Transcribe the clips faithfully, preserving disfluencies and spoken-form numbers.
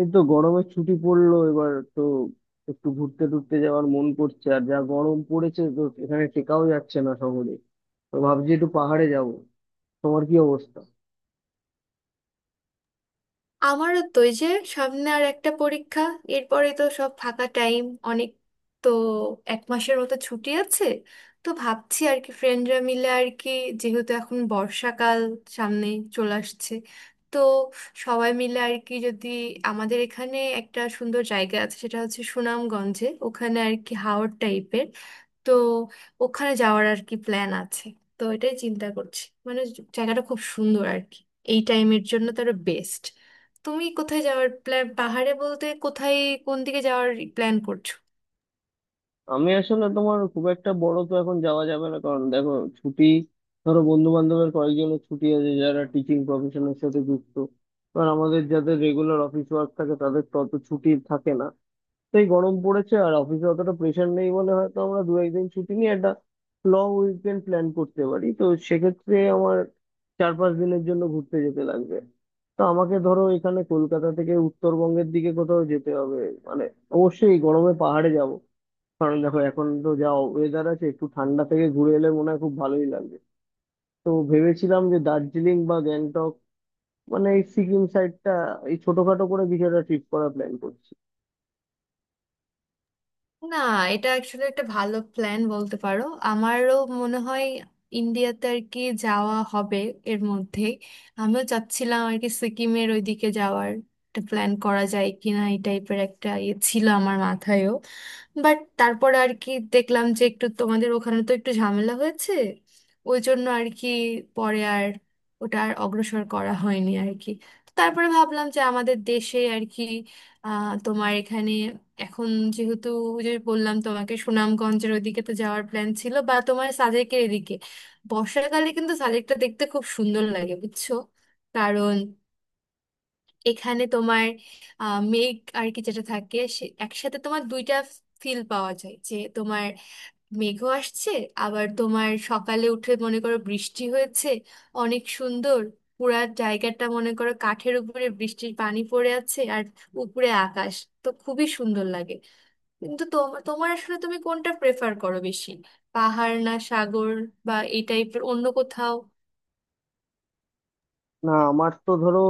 এই তো গরমের ছুটি পড়লো এবার তো। একটু ঘুরতে টুরতে যাওয়ার মন করছে, আর যা গরম পড়েছে তো এখানে টেকাও যাচ্ছে না শহরে। তো ভাবছি একটু পাহাড়ে যাব। তোমার কি অবস্থা? আমারও তো এই যে সামনে আর একটা পরীক্ষা। এরপরে তো সব ফাঁকা টাইম অনেক। তো এক মাসের মতো ছুটি আছে। তো ভাবছি আর কি ফ্রেন্ডরা মিলে আর কি, যেহেতু এখন বর্ষাকাল সামনে চলে আসছে। তো সবাই মিলে আর কি, যদি আমাদের এখানে একটা সুন্দর জায়গা আছে, সেটা হচ্ছে সুনামগঞ্জে, ওখানে আর কি হাওর টাইপের। তো ওখানে যাওয়ার আর কি প্ল্যান আছে। তো এটাই চিন্তা করছি, মানে জায়গাটা খুব সুন্দর আর কি, এই টাইমের জন্য তো আরো বেস্ট। তুমি কোথায় যাওয়ার প্ল্যান, পাহাড়ে বলতে কোথায়, কোন দিকে যাওয়ার প্ল্যান করছো? আমি আসলে তোমার খুব একটা বড় তো এখন যাওয়া যাবে না, কারণ দেখো ছুটি, ধরো বন্ধু বান্ধবের কয়েকজনের ছুটি আছে যারা টিচিং প্রফেশনের সাথে যুক্ত। কারণ আমাদের যাদের রেগুলার অফিস ওয়ার্ক থাকে তাদের তো অত ছুটি থাকে না। তাই গরম পড়েছে আর অফিসে অতটা প্রেশার নেই বলে হয়তো আমরা দু একদিন ছুটি নিয়ে একটা লং উইকেন্ড প্ল্যান করতে পারি। তো সেক্ষেত্রে আমার চার পাঁচ দিনের জন্য ঘুরতে যেতে লাগবে। তো আমাকে ধরো এখানে কলকাতা থেকে উত্তরবঙ্গের দিকে কোথাও যেতে হবে। মানে অবশ্যই এই গরমে পাহাড়ে যাব, কারণ দেখো এখন তো যা ওয়েদার আছে একটু ঠান্ডা থেকে ঘুরে এলে মনে হয় খুব ভালোই লাগবে। তো ভেবেছিলাম যে দার্জিলিং বা গ্যাংটক, মানে এই সিকিম সাইডটা, এই ছোটখাটো করে কিছু একটা ট্রিপ করার প্ল্যান করছি। না, এটা অ্যাকচুয়ালি একটা ভালো প্ল্যান বলতে পারো। আমারও মনে হয় ইন্ডিয়াতে আর কি যাওয়া হবে এর মধ্যে। আমিও চাচ্ছিলাম আর কি সিকিমের ওইদিকে যাওয়ার একটা প্ল্যান করা যায় কিনা, এই টাইপের একটা ইয়ে ছিল আমার মাথায়ও। বাট তারপরে আর কি দেখলাম যে একটু তোমাদের ওখানে তো একটু ঝামেলা হয়েছে, ওই জন্য আর কি পরে আর ওটা আর অগ্রসর করা হয়নি আর কি। তারপরে ভাবলাম যে আমাদের দেশে আর কি, আহ, তোমার এখানে এখন যেহেতু, ওই যে বললাম তোমাকে সুনামগঞ্জের ওদিকে তো যাওয়ার প্ল্যান ছিল বা তোমার সাজেকের এদিকে। বর্ষাকালে কিন্তু সাজেকটা দেখতে খুব সুন্দর লাগে, বুঝছো? কারণ এখানে তোমার আহ, মেঘ আর কি যেটা থাকে, সে একসাথে তোমার দুইটা ফিল পাওয়া যায়, যে তোমার মেঘও আসছে, আবার তোমার সকালে উঠে মনে করো বৃষ্টি হয়েছে। অনেক সুন্দর, পুরা জায়গাটা মনে করো কাঠের উপরে বৃষ্টির পানি পড়ে আছে আর উপরে আকাশ। তো খুবই সুন্দর লাগে। কিন্তু তোমার তোমার আসলে তুমি কোনটা প্রেফার করো বেশি, পাহাড় না সাগর, বা এই টাইপের অন্য কোথাও? না আমার তো ধরো,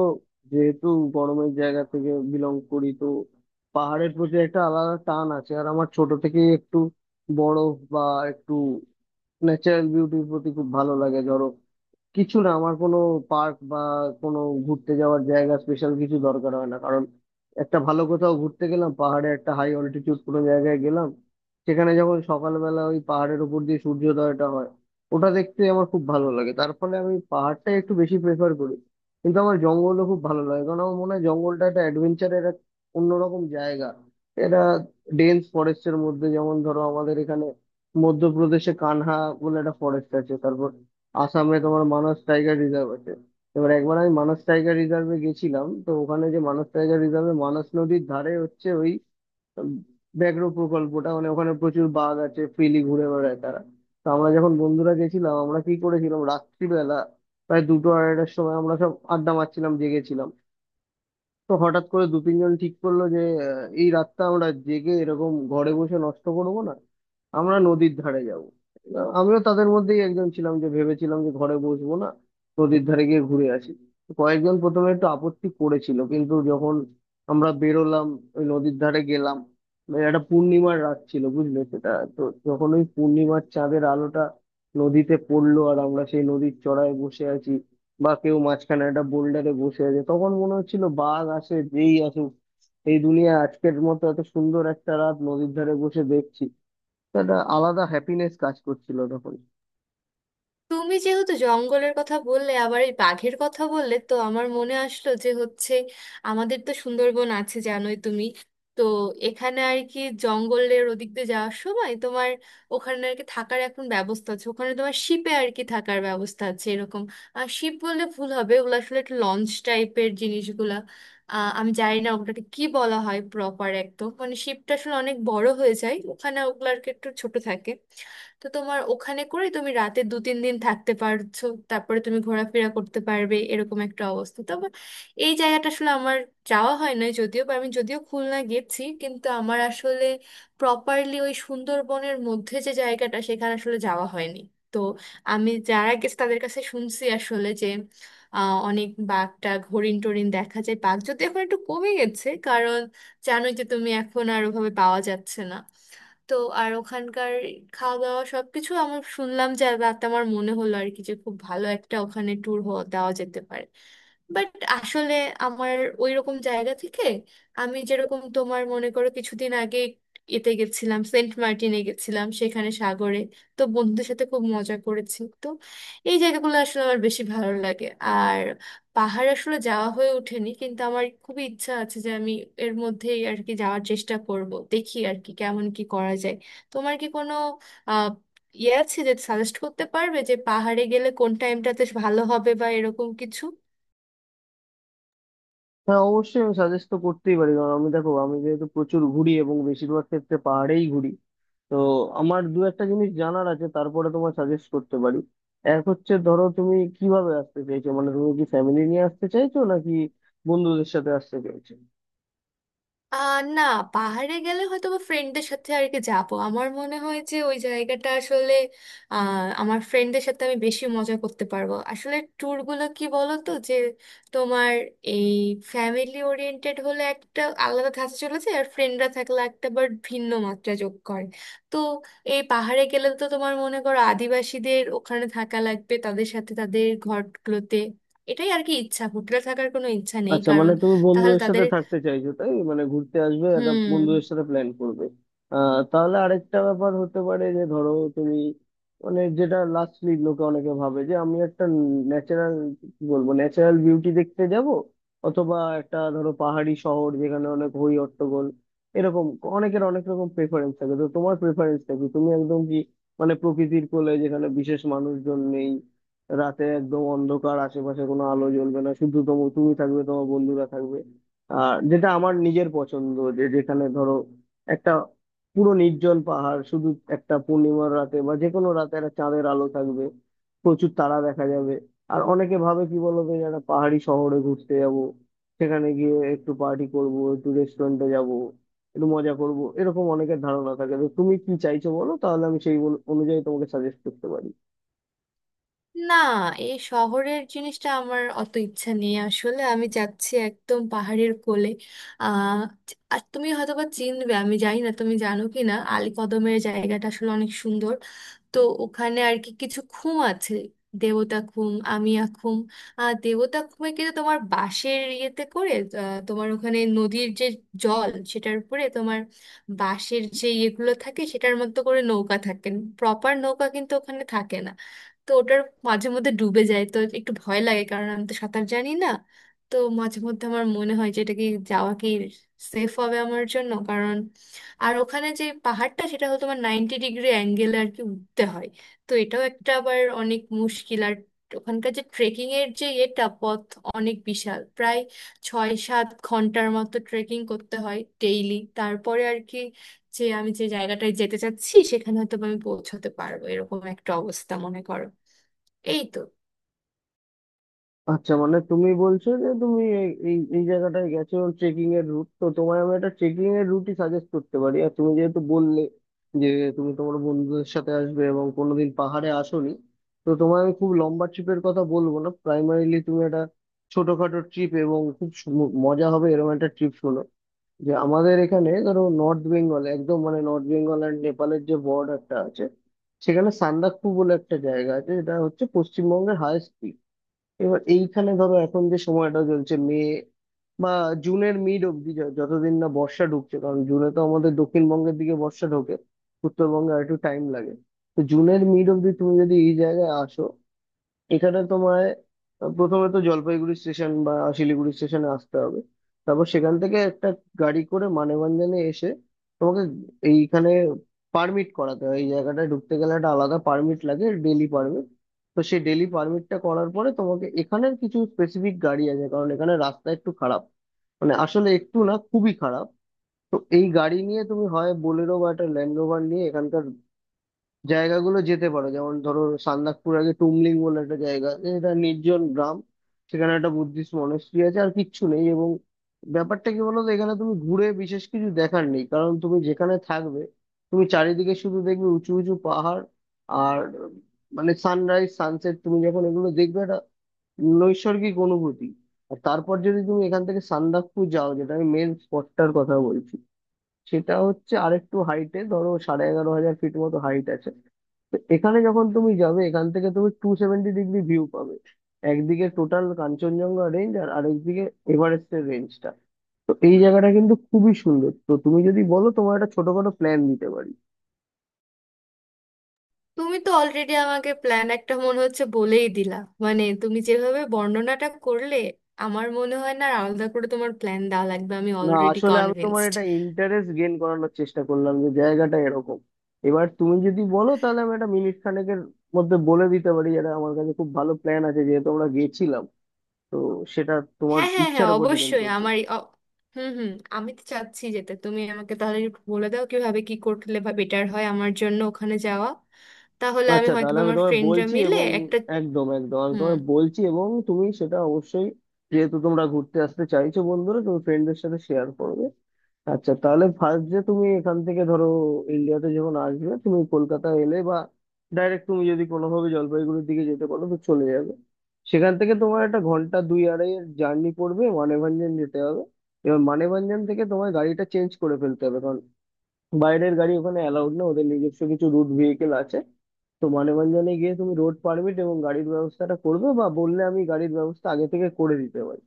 যেহেতু গরমের জায়গা থেকে বিলং করি তো পাহাড়ের প্রতি একটা আলাদা টান আছে। আর আমার ছোট থেকেই একটু বরফ বা একটু ন্যাচারাল বিউটির প্রতি খুব ভালো লাগে। ধরো কিছু না, আমার কোনো পার্ক বা কোনো ঘুরতে যাওয়ার জায়গা স্পেশাল কিছু দরকার হয় না, কারণ একটা ভালো কোথাও ঘুরতে গেলাম, পাহাড়ে একটা হাই অল্টিটিউড কোনো জায়গায় গেলাম, সেখানে যখন সকালবেলা ওই পাহাড়ের উপর দিয়ে সূর্যোদয়টা হয়, ওটা দেখতে আমার খুব ভালো লাগে। তার ফলে আমি পাহাড়টাই একটু বেশি প্রেফার করি। কিন্তু আমার জঙ্গলও খুব ভালো লাগে, কারণ আমার মনে হয় জঙ্গলটা একটা অ্যাডভেঞ্চারের এক অন্যরকম জায়গা। এটা ডেন্স ফরেস্টের মধ্যে যেমন ধরো আমাদের এখানে মধ্যপ্রদেশে কানহা বলে একটা ফরেস্ট আছে, তারপর আসামে তোমার মানস টাইগার রিজার্ভ আছে। এবার একবার আমি মানস টাইগার রিজার্ভে গেছিলাম, তো ওখানে যে মানস টাইগার রিজার্ভে মানস নদীর ধারে হচ্ছে ওই উম, ব্যাঘ্র প্রকল্পটা, মানে ওখানে প্রচুর বাঘ আছে, ফ্রিলি ঘুরে বেড়ায় তারা। তো আমরা যখন বন্ধুরা গেছিলাম, আমরা কি করেছিলাম রাত্রিবেলা প্রায় দুটো আড়াইটার সময় আমরা সব আড্ডা মারছিলাম, জেগেছিলাম। তো হঠাৎ করে দু তিনজন ঠিক করলো যে আহ, এই রাতটা আমরা জেগে এরকম ঘরে বসে নষ্ট করব না, আমরা নদীর ধারে যাব। আমিও তাদের মধ্যেই একজন ছিলাম যে ভেবেছিলাম যে ঘরে বসবো না, নদীর ধারে গিয়ে ঘুরে আসি। তো কয়েকজন প্রথমে একটু আপত্তি করেছিল, কিন্তু যখন আমরা বেরোলাম, ওই নদীর ধারে গেলাম, মানে একটা পূর্ণিমার রাত ছিল বুঝলে সেটা। তো যখন ওই পূর্ণিমার চাঁদের আলোটা নদীতে পড়লো আর আমরা সেই নদীর চড়ায় বসে আছি, বা কেউ মাঝখানে একটা বোল্ডারে বসে আছে, তখন মনে হচ্ছিল বাঘ আসে যেই আসুক, এই দুনিয়া আজকের মতো এত সুন্দর একটা রাত নদীর ধারে বসে দেখছি। তো একটা আলাদা হ্যাপিনেস কাজ করছিল তখন। তুমি যেহেতু জঙ্গলের কথা বললে আবার এই বাঘের কথা বললে, তো আমার মনে আসলো যে হচ্ছে আমাদের তো সুন্দরবন আছে, জানোই তুমি। তো এখানে আর কি জঙ্গলের ওদিক দিয়ে যাওয়ার সময় তোমার ওখানে আর কি থাকার এখন ব্যবস্থা আছে, ওখানে তোমার শিপে আর কি থাকার ব্যবস্থা আছে এরকম। আর শিপ বললে ভুল হবে, ওগুলো আসলে একটা লঞ্চ টাইপের জিনিসগুলা। আহ, আমি জানি না ওটাকে কি বলা হয় প্রপার একদম, মানে শিপটা আসলে অনেক বড় হয়ে যায়, ওখানে ওগুলো আর কি একটু ছোট থাকে। তো তোমার ওখানে করে তুমি রাতে দু তিন দিন থাকতে পারছো, তারপরে তুমি ঘোরাফেরা করতে পারবে এরকম একটা অবস্থা। তবে এই জায়গাটা আসলে আমার যাওয়া হয় না, যদিও বা আমি যদিও খুলনা গেছি, কিন্তু আমার আসলে প্রপারলি ওই সুন্দরবনের মধ্যে যে জায়গাটা, সেখানে আসলে যাওয়া হয়নি। তো আমি যারা গেছে তাদের কাছে শুনছি আসলে যে আহ, অনেক বাঘটা, হরিণ টরিন দেখা যায়, বাঘ যদি এখন একটু কমে গেছে, কারণ জানোই যে তুমি, এখন আর ওভাবে পাওয়া যাচ্ছে না। তো আর ওখানকার খাওয়া দাওয়া সবকিছু আমার শুনলাম, যে রাতে আমার মনে হলো আর কি যে খুব ভালো একটা ওখানে ট্যুর দেওয়া যেতে পারে। বাট আসলে আমার ওই রকম জায়গা থেকে আমি যেরকম তোমার মনে করো কিছুদিন আগে এতে গেছিলাম, সেন্ট মার্টিনে গেছিলাম সেখানে সাগরে। তো বন্ধুদের সাথে খুব মজা করেছি। তো এই জায়গাগুলো আসলে আমার বেশি ভালো লাগে। আর পাহাড় আসলে যাওয়া হয়ে ওঠেনি, কিন্তু আমার খুবই ইচ্ছা আছে যে আমি এর মধ্যেই আর কি যাওয়ার চেষ্টা করব, দেখি আর কি কেমন কি করা যায়। তোমার কি কোনো আহ ইয়ে আছে যে সাজেস্ট করতে পারবে যে পাহাড়ে গেলে কোন টাইমটাতে ভালো হবে, বা এরকম কিছু? হ্যাঁ অবশ্যই আমি সাজেস্ট তো করতেই পারি, কারণ আমি দেখো আমি যেহেতু প্রচুর ঘুরি এবং বেশিরভাগ ক্ষেত্রে পাহাড়েই ঘুরি। তো আমার দু একটা জিনিস জানার আছে, তারপরে তোমার সাজেস্ট করতে পারি। এক হচ্ছে ধরো তুমি কিভাবে আসতে চাইছো, মানে তুমি কি ফ্যামিলি নিয়ে আসতে চাইছো নাকি বন্ধুদের সাথে আসতে চাইছো? আহ না, পাহাড়ে গেলে হয়তো বা ফ্রেন্ডদের সাথে আর কি যাবো। আমার মনে হয় যে ওই জায়গাটা আসলে আহ আমার ফ্রেন্ডদের সাথে আমি বেশি মজা করতে পারবো আসলে। ট্যুর গুলো কি বলো তো, যে তোমার এই ফ্যামিলি ওরিয়েন্টেড হলে একটা আলাদা ধাঁচে চলে যায়, আর ফ্রেন্ডরা থাকলে একটা বার ভিন্ন মাত্রা যোগ করে। তো এই পাহাড়ে গেলে তো তোমার মনে করো আদিবাসীদের ওখানে থাকা লাগবে, তাদের সাথে তাদের ঘরগুলোতে। এটাই আর কি ইচ্ছা, হোটেলে থাকার কোনো ইচ্ছা নেই, আচ্ছা মানে কারণ তুমি তাহলে বন্ধুদের সাথে তাদের, থাকতে চাইছো, তাই মানে ঘুরতে আসবে একটা হুম। বন্ধুদের সাথে প্ল্যান করবে। আহ তাহলে আরেকটা ব্যাপার হতে পারে যে ধরো তুমি, মানে যেটা লাস্টলি লোকে অনেকে ভাবে যে আমি একটা ন্যাচারাল, কি বলবো, ন্যাচারাল বিউটি দেখতে যাব, অথবা একটা ধরো পাহাড়ি শহর যেখানে অনেক হই হট্টগোল এরকম। অনেকের অনেক রকম প্রেফারেন্স থাকে, তো তোমার প্রেফারেন্সটা কি? তুমি একদম কি, মানে প্রকৃতির কোলে যেখানে বিশেষ মানুষজন নেই, রাতে একদম অন্ধকার, আশেপাশে কোনো আলো জ্বলবে না, শুধু তো তুমি থাকবে তোমার বন্ধুরা থাকবে, আর যেটা আমার নিজের পছন্দ যে যেখানে ধরো একটা পুরো নির্জন পাহাড়, শুধু একটা পূর্ণিমার রাতে বা যে কোনো রাতে একটা চাঁদের আলো থাকবে, প্রচুর তারা দেখা যাবে। আর অনেকে ভাবে কি বলতো যে একটা পাহাড়ি শহরে ঘুরতে যাব, সেখানে গিয়ে একটু পার্টি করব, একটু রেস্টুরেন্টে যাব, একটু মজা করব, এরকম অনেকের ধারণা থাকে। তো তুমি কি চাইছো বলো, তাহলে আমি সেই অনু- অনুযায়ী তোমাকে সাজেস্ট করতে পারি। না, এই শহরের জিনিসটা আমার অত ইচ্ছা নেই আসলে, আমি যাচ্ছি একদম পাহাড়ের কোলে। আহ আর তুমি হয়তোবা চিনবে, আমি জানি না তুমি জানো কি না, আলীকদমের জায়গাটা আসলে অনেক সুন্দর। তো ওখানে আর কি কিছু খুম আছে, দেবতা খুম, আমিয়া খুম। আহ দেবতা খুমে কিন্তু তোমার বাঁশের ইয়েতে করে, আহ, তোমার ওখানে নদীর যে জল, সেটার উপরে তোমার বাঁশের যে ইয়েগুলো থাকে, সেটার মধ্যে করে নৌকা থাকে। প্রপার নৌকা কিন্তু ওখানে থাকে না। তো ওটার মাঝে মধ্যে ডুবে যায়, তো একটু ভয় লাগে, কারণ আমি তো সাঁতার জানি না। তো মাঝে মধ্যে আমার মনে হয় যে এটা কি, যাওয়া কি সেফ হবে আমার জন্য, কারণ আর ওখানে যে পাহাড়টা, সেটা হলো তোমার নাইনটি ডিগ্রি অ্যাঙ্গেলে আর কি উঠতে হয়। তো এটাও একটা আবার অনেক মুশকিল। আর ওখানকার যে ট্রেকিং এর যে এটা পথ, অনেক বিশাল, প্রায় ছয় সাত ঘন্টার মতো ট্রেকিং করতে হয় ডেইলি। তারপরে আর কি যে আমি যে জায়গাটায় যেতে চাচ্ছি সেখানে হয়তো বা আমি পৌঁছাতে পারবো এরকম একটা অবস্থা, মনে করো। এই তো। আচ্ছা মানে তুমি বলছো যে তুমি এই এই এই জায়গাটায় গেছো ট্রেকিং এর রুট, তো তোমায় আমি একটা ট্রেকিং এর রুটই সাজেস্ট করতে পারি। আর তুমি যেহেতু বললে যে তুমি তোমার বন্ধুদের সাথে আসবে এবং কোনোদিন পাহাড়ে আসোনি, তো তোমায় আমি খুব লম্বা ট্রিপের কথা বলবো না। প্রাইমারিলি তুমি একটা ছোটখাটো ট্রিপ এবং খুব সু- মজা হবে এরকম একটা ট্রিপ শোনো। যে আমাদের এখানে ধরো নর্থ বেঙ্গল, একদম মানে নর্থ বেঙ্গল অ্যান্ড নেপালের যে বর্ডারটা আছে, সেখানে সান্দাকফু বলে একটা জায়গা আছে যেটা হচ্ছে পশ্চিমবঙ্গের হায়েস্ট। এবার এইখানে ধরো এখন যে সময়টা চলছে মে বা জুনের মিড অব্দি, য- যতদিন না বর্ষা ঢুকছে, কারণ জুনে তো আমাদের দক্ষিণবঙ্গের দিকে বর্ষা ঢোকে, উত্তরবঙ্গে আর একটু টাইম লাগে। তো জুনের মিড অব্দি তুমি যদি এই জায়গায় আসো, এখানে তোমায় প্রথমে তো জলপাইগুড়ি স্টেশন বা শিলিগুড়ি স্টেশনে আসতে হবে। তারপর সেখান থেকে একটা গাড়ি করে মানেভঞ্জনে এসে তোমাকে এইখানে পারমিট করাতে হয়, এই জায়গাটায় ঢুকতে গেলে একটা আলাদা পারমিট লাগে, ডেলি পারমিট। তো সেই ডেলি পারমিটটা করার পরে তোমাকে এখানের কিছু স্পেসিফিক গাড়ি আছে, কারণ এখানে রাস্তা একটু খারাপ, মানে আসলে একটু না, খুবই খারাপ। তো এই গাড়ি নিয়ে তুমি হয় বোলেরো বা একটা ল্যান্ড রোভার নিয়ে এখানকার জায়গাগুলো যেতে পারো, যেমন ধরো সান্দাকপুর আগে টুমলিং বলে একটা জায়গা আছে, এটা নির্জন গ্রাম। সেখানে একটা বুদ্ধিস্ট মনাস্ট্রি আছে আর কিচ্ছু নেই। এবং ব্যাপারটা কি বলতো, এখানে তুমি ঘুরে বিশেষ কিছু দেখার নেই, কারণ তুমি যেখানে থাকবে, তুমি চারিদিকে শুধু দেখবে উঁচু উঁচু পাহাড়। আর মানে সানরাইজ সানসেট তুমি যখন এগুলো দেখবে, একটা নৈসর্গিক অনুভূতি। আর তারপর যদি তুমি এখান থেকে সান্দাকফু যাও, যেটা আমি মেন স্পটটার কথা বলছি, সেটা হচ্ছে আরেকটু হাইটে, ধরো সাড়ে এগারো হাজার ফিট মতো হাইট আছে। তো এখানে যখন তুমি যাবে, এখান থেকে তুমি টু সেভেন্টি ডিগ্রি ভিউ পাবে, একদিকে টোটাল কাঞ্চনজঙ্ঘা রেঞ্জ আর আরেকদিকে এভারেস্টের রেঞ্জটা। তো এই জায়গাটা কিন্তু খুবই সুন্দর। তো তুমি যদি বলো তোমার একটা ছোটখাটো প্ল্যান দিতে পারি। তুমি তো অলরেডি আমাকে প্ল্যান একটা মনে হচ্ছে বলেই দিলা। মানে তুমি যেভাবে বর্ণনাটা করলে, আমার মনে হয় না আর আলাদা করে তোমার প্ল্যান দেওয়া লাগবে, আমি না অলরেডি আসলে আমি তোমার কনভিন্সড। এটা ইন্টারেস্ট গেইন করানোর চেষ্টা করলাম যে জায়গাটা এরকম। এবার তুমি যদি বলো তাহলে আমি একটা মিনিট খানেকের মধ্যে বলে দিতে পারি, যেটা আমার কাছে খুব ভালো প্ল্যান আছে যেহেতু আমরা গেছিলাম। তো সেটা তোমার হ্যাঁ হ্যাঁ হ্যাঁ, ইচ্ছার উপর ডিপেন্ড অবশ্যই। করছে। আমার এই অ- হুম, হুম। আমি তো চাচ্ছি যেতে, তুমি আমাকে তাহলে একটু বলে দাও কিভাবে কি করলে বা বেটার হয় আমার জন্য ওখানে যাওয়া। তাহলে আমি আচ্ছা হয়তো তাহলে বা আমি আমার তোমায় ফ্রেন্ডরা বলছি, মিলে এবং একটা, একদম একদম আমি হুম। তোমায় বলছি এবং তুমি সেটা অবশ্যই, যেহেতু তোমরা ঘুরতে আসতে চাইছো বন্ধুরা, তুমি ফ্রেন্ডদের সাথে শেয়ার করবে। আচ্ছা তাহলে ফার্স্ট যে তুমি এখান থেকে ধরো ইন্ডিয়াতে যখন আসবে, তুমি কলকাতা এলে বা ডাইরেক্ট তুমি যদি কোনোভাবে জলপাইগুড়ির দিকে যেতে পারো তো চলে যাবে। সেখান থেকে তোমার একটা ঘন্টা দুই আড়াইয়ের জার্নি পড়বে, মানেভঞ্জন যেতে হবে। এবার মানেভঞ্জন থেকে তোমায় গাড়িটা চেঞ্জ করে ফেলতে হবে, বাইরের গাড়ি ওখানে অ্যালাউড না, ওদের নিজস্ব কিছু রুট ভেহিকেল আছে। তো মানববন্ধনে গিয়ে তুমি রোড পারমিট এবং গাড়ির ব্যবস্থাটা করবে, বা বললে আমি গাড়ির ব্যবস্থা আগে থেকে করে দিতে পারি।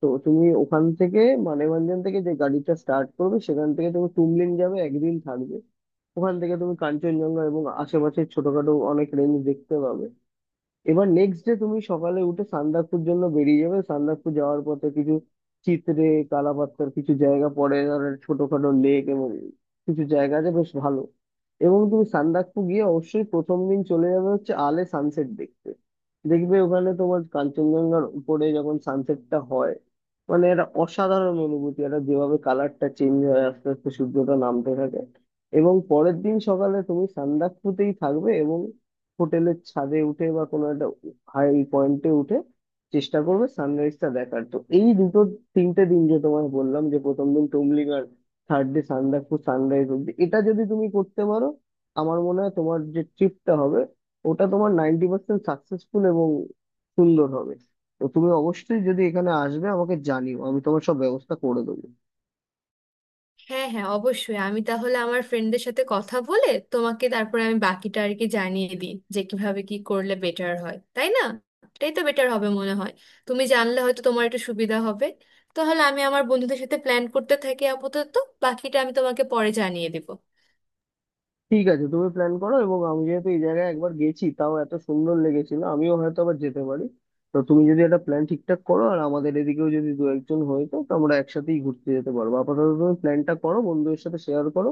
তো তুমি ওখান থেকে, মানববন্ধন থেকে যে গাড়িটা স্টার্ট করবে, সেখান থেকে তুমি তুমলিন যাবে, একদিন থাকবে। ওখান থেকে তুমি কাঞ্চনজঙ্ঘা এবং আশেপাশের ছোটখাটো অনেক রেঞ্জ দেখতে পাবে। এবার নেক্সট ডে তুমি সকালে উঠে সান্দাকফুর জন্য বেরিয়ে যাবে। সান্দাকফু যাওয়ার পথে কিছু চিত্রে কালাপাতার কিছু জায়গা পড়ে, ধরো ছোটখাটো লেক এবং কিছু জায়গা আছে বেশ ভালো। এবং তুমি সান্দাকফু গিয়ে অবশ্যই প্রথম দিন চলে যাবে হচ্ছে আলে সানসেট দেখতে। দেখবে ওখানে তোমার কাঞ্চনজঙ্ঘার উপরে যখন সানসেটটা হয়, মানে এটা অসাধারণ অনুভূতি, এটা যেভাবে কালারটা চেঞ্জ হয় আস্তে আস্তে সূর্যটা নামতে থাকে। এবং পরের দিন সকালে তুমি সান্দাকফুতেই থাকবে এবং হোটেলের ছাদে উঠে বা কোনো একটা হাই পয়েন্টে উঠে চেষ্টা করবে সানরাইজটা দেখার। তো এই দুটো তিনটে দিন যে তোমায় বললাম, যে প্রথম দিন তুমলিং আর থার্ড ডে সান্দাকফু সানরাইজ অব্দি, এটা যদি তুমি করতে পারো আমার মনে হয় তোমার যে ট্রিপটা হবে ওটা তোমার নাইনটি পার্সেন্ট সাকসেসফুল এবং সুন্দর হবে। তো তুমি অবশ্যই যদি এখানে আসবে আমাকে জানিও, আমি তোমার সব ব্যবস্থা করে দেবো। হ্যাঁ হ্যাঁ, অবশ্যই। আমি তাহলে আমার ফ্রেন্ডদের সাথে কথা বলে তোমাকে, তারপরে আমি বাকিটা আর কি জানিয়ে দিই যে কিভাবে কি করলে বেটার হয়, তাই না? এটাই তো বেটার হবে মনে হয়, তুমি জানলে হয়তো তোমার একটু সুবিধা হবে। তাহলে আমি আমার বন্ধুদের সাথে প্ল্যান করতে থাকি আপাতত, বাকিটা আমি তোমাকে পরে জানিয়ে দিব। ঠিক আছে তুমি প্ল্যান করো, এবং আমি যেহেতু এই জায়গায় একবার গেছি তাও এত সুন্দর লেগেছিল, আমিও হয়তো আবার যেতে পারি। তো তুমি যদি একটা প্ল্যান ঠিকঠাক করো আর আমাদের এদিকেও যদি দু একজন হয়ে তো তো আমরা একসাথেই ঘুরতে যেতে পারবো। আপাতত তুমি প্ল্যানটা করো, বন্ধুদের সাথে শেয়ার করো।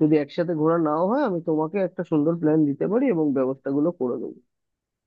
যদি একসাথে ঘোরা নাও হয় আমি তোমাকে একটা সুন্দর প্ল্যান দিতে পারি এবং ব্যবস্থাগুলো করে দেবো।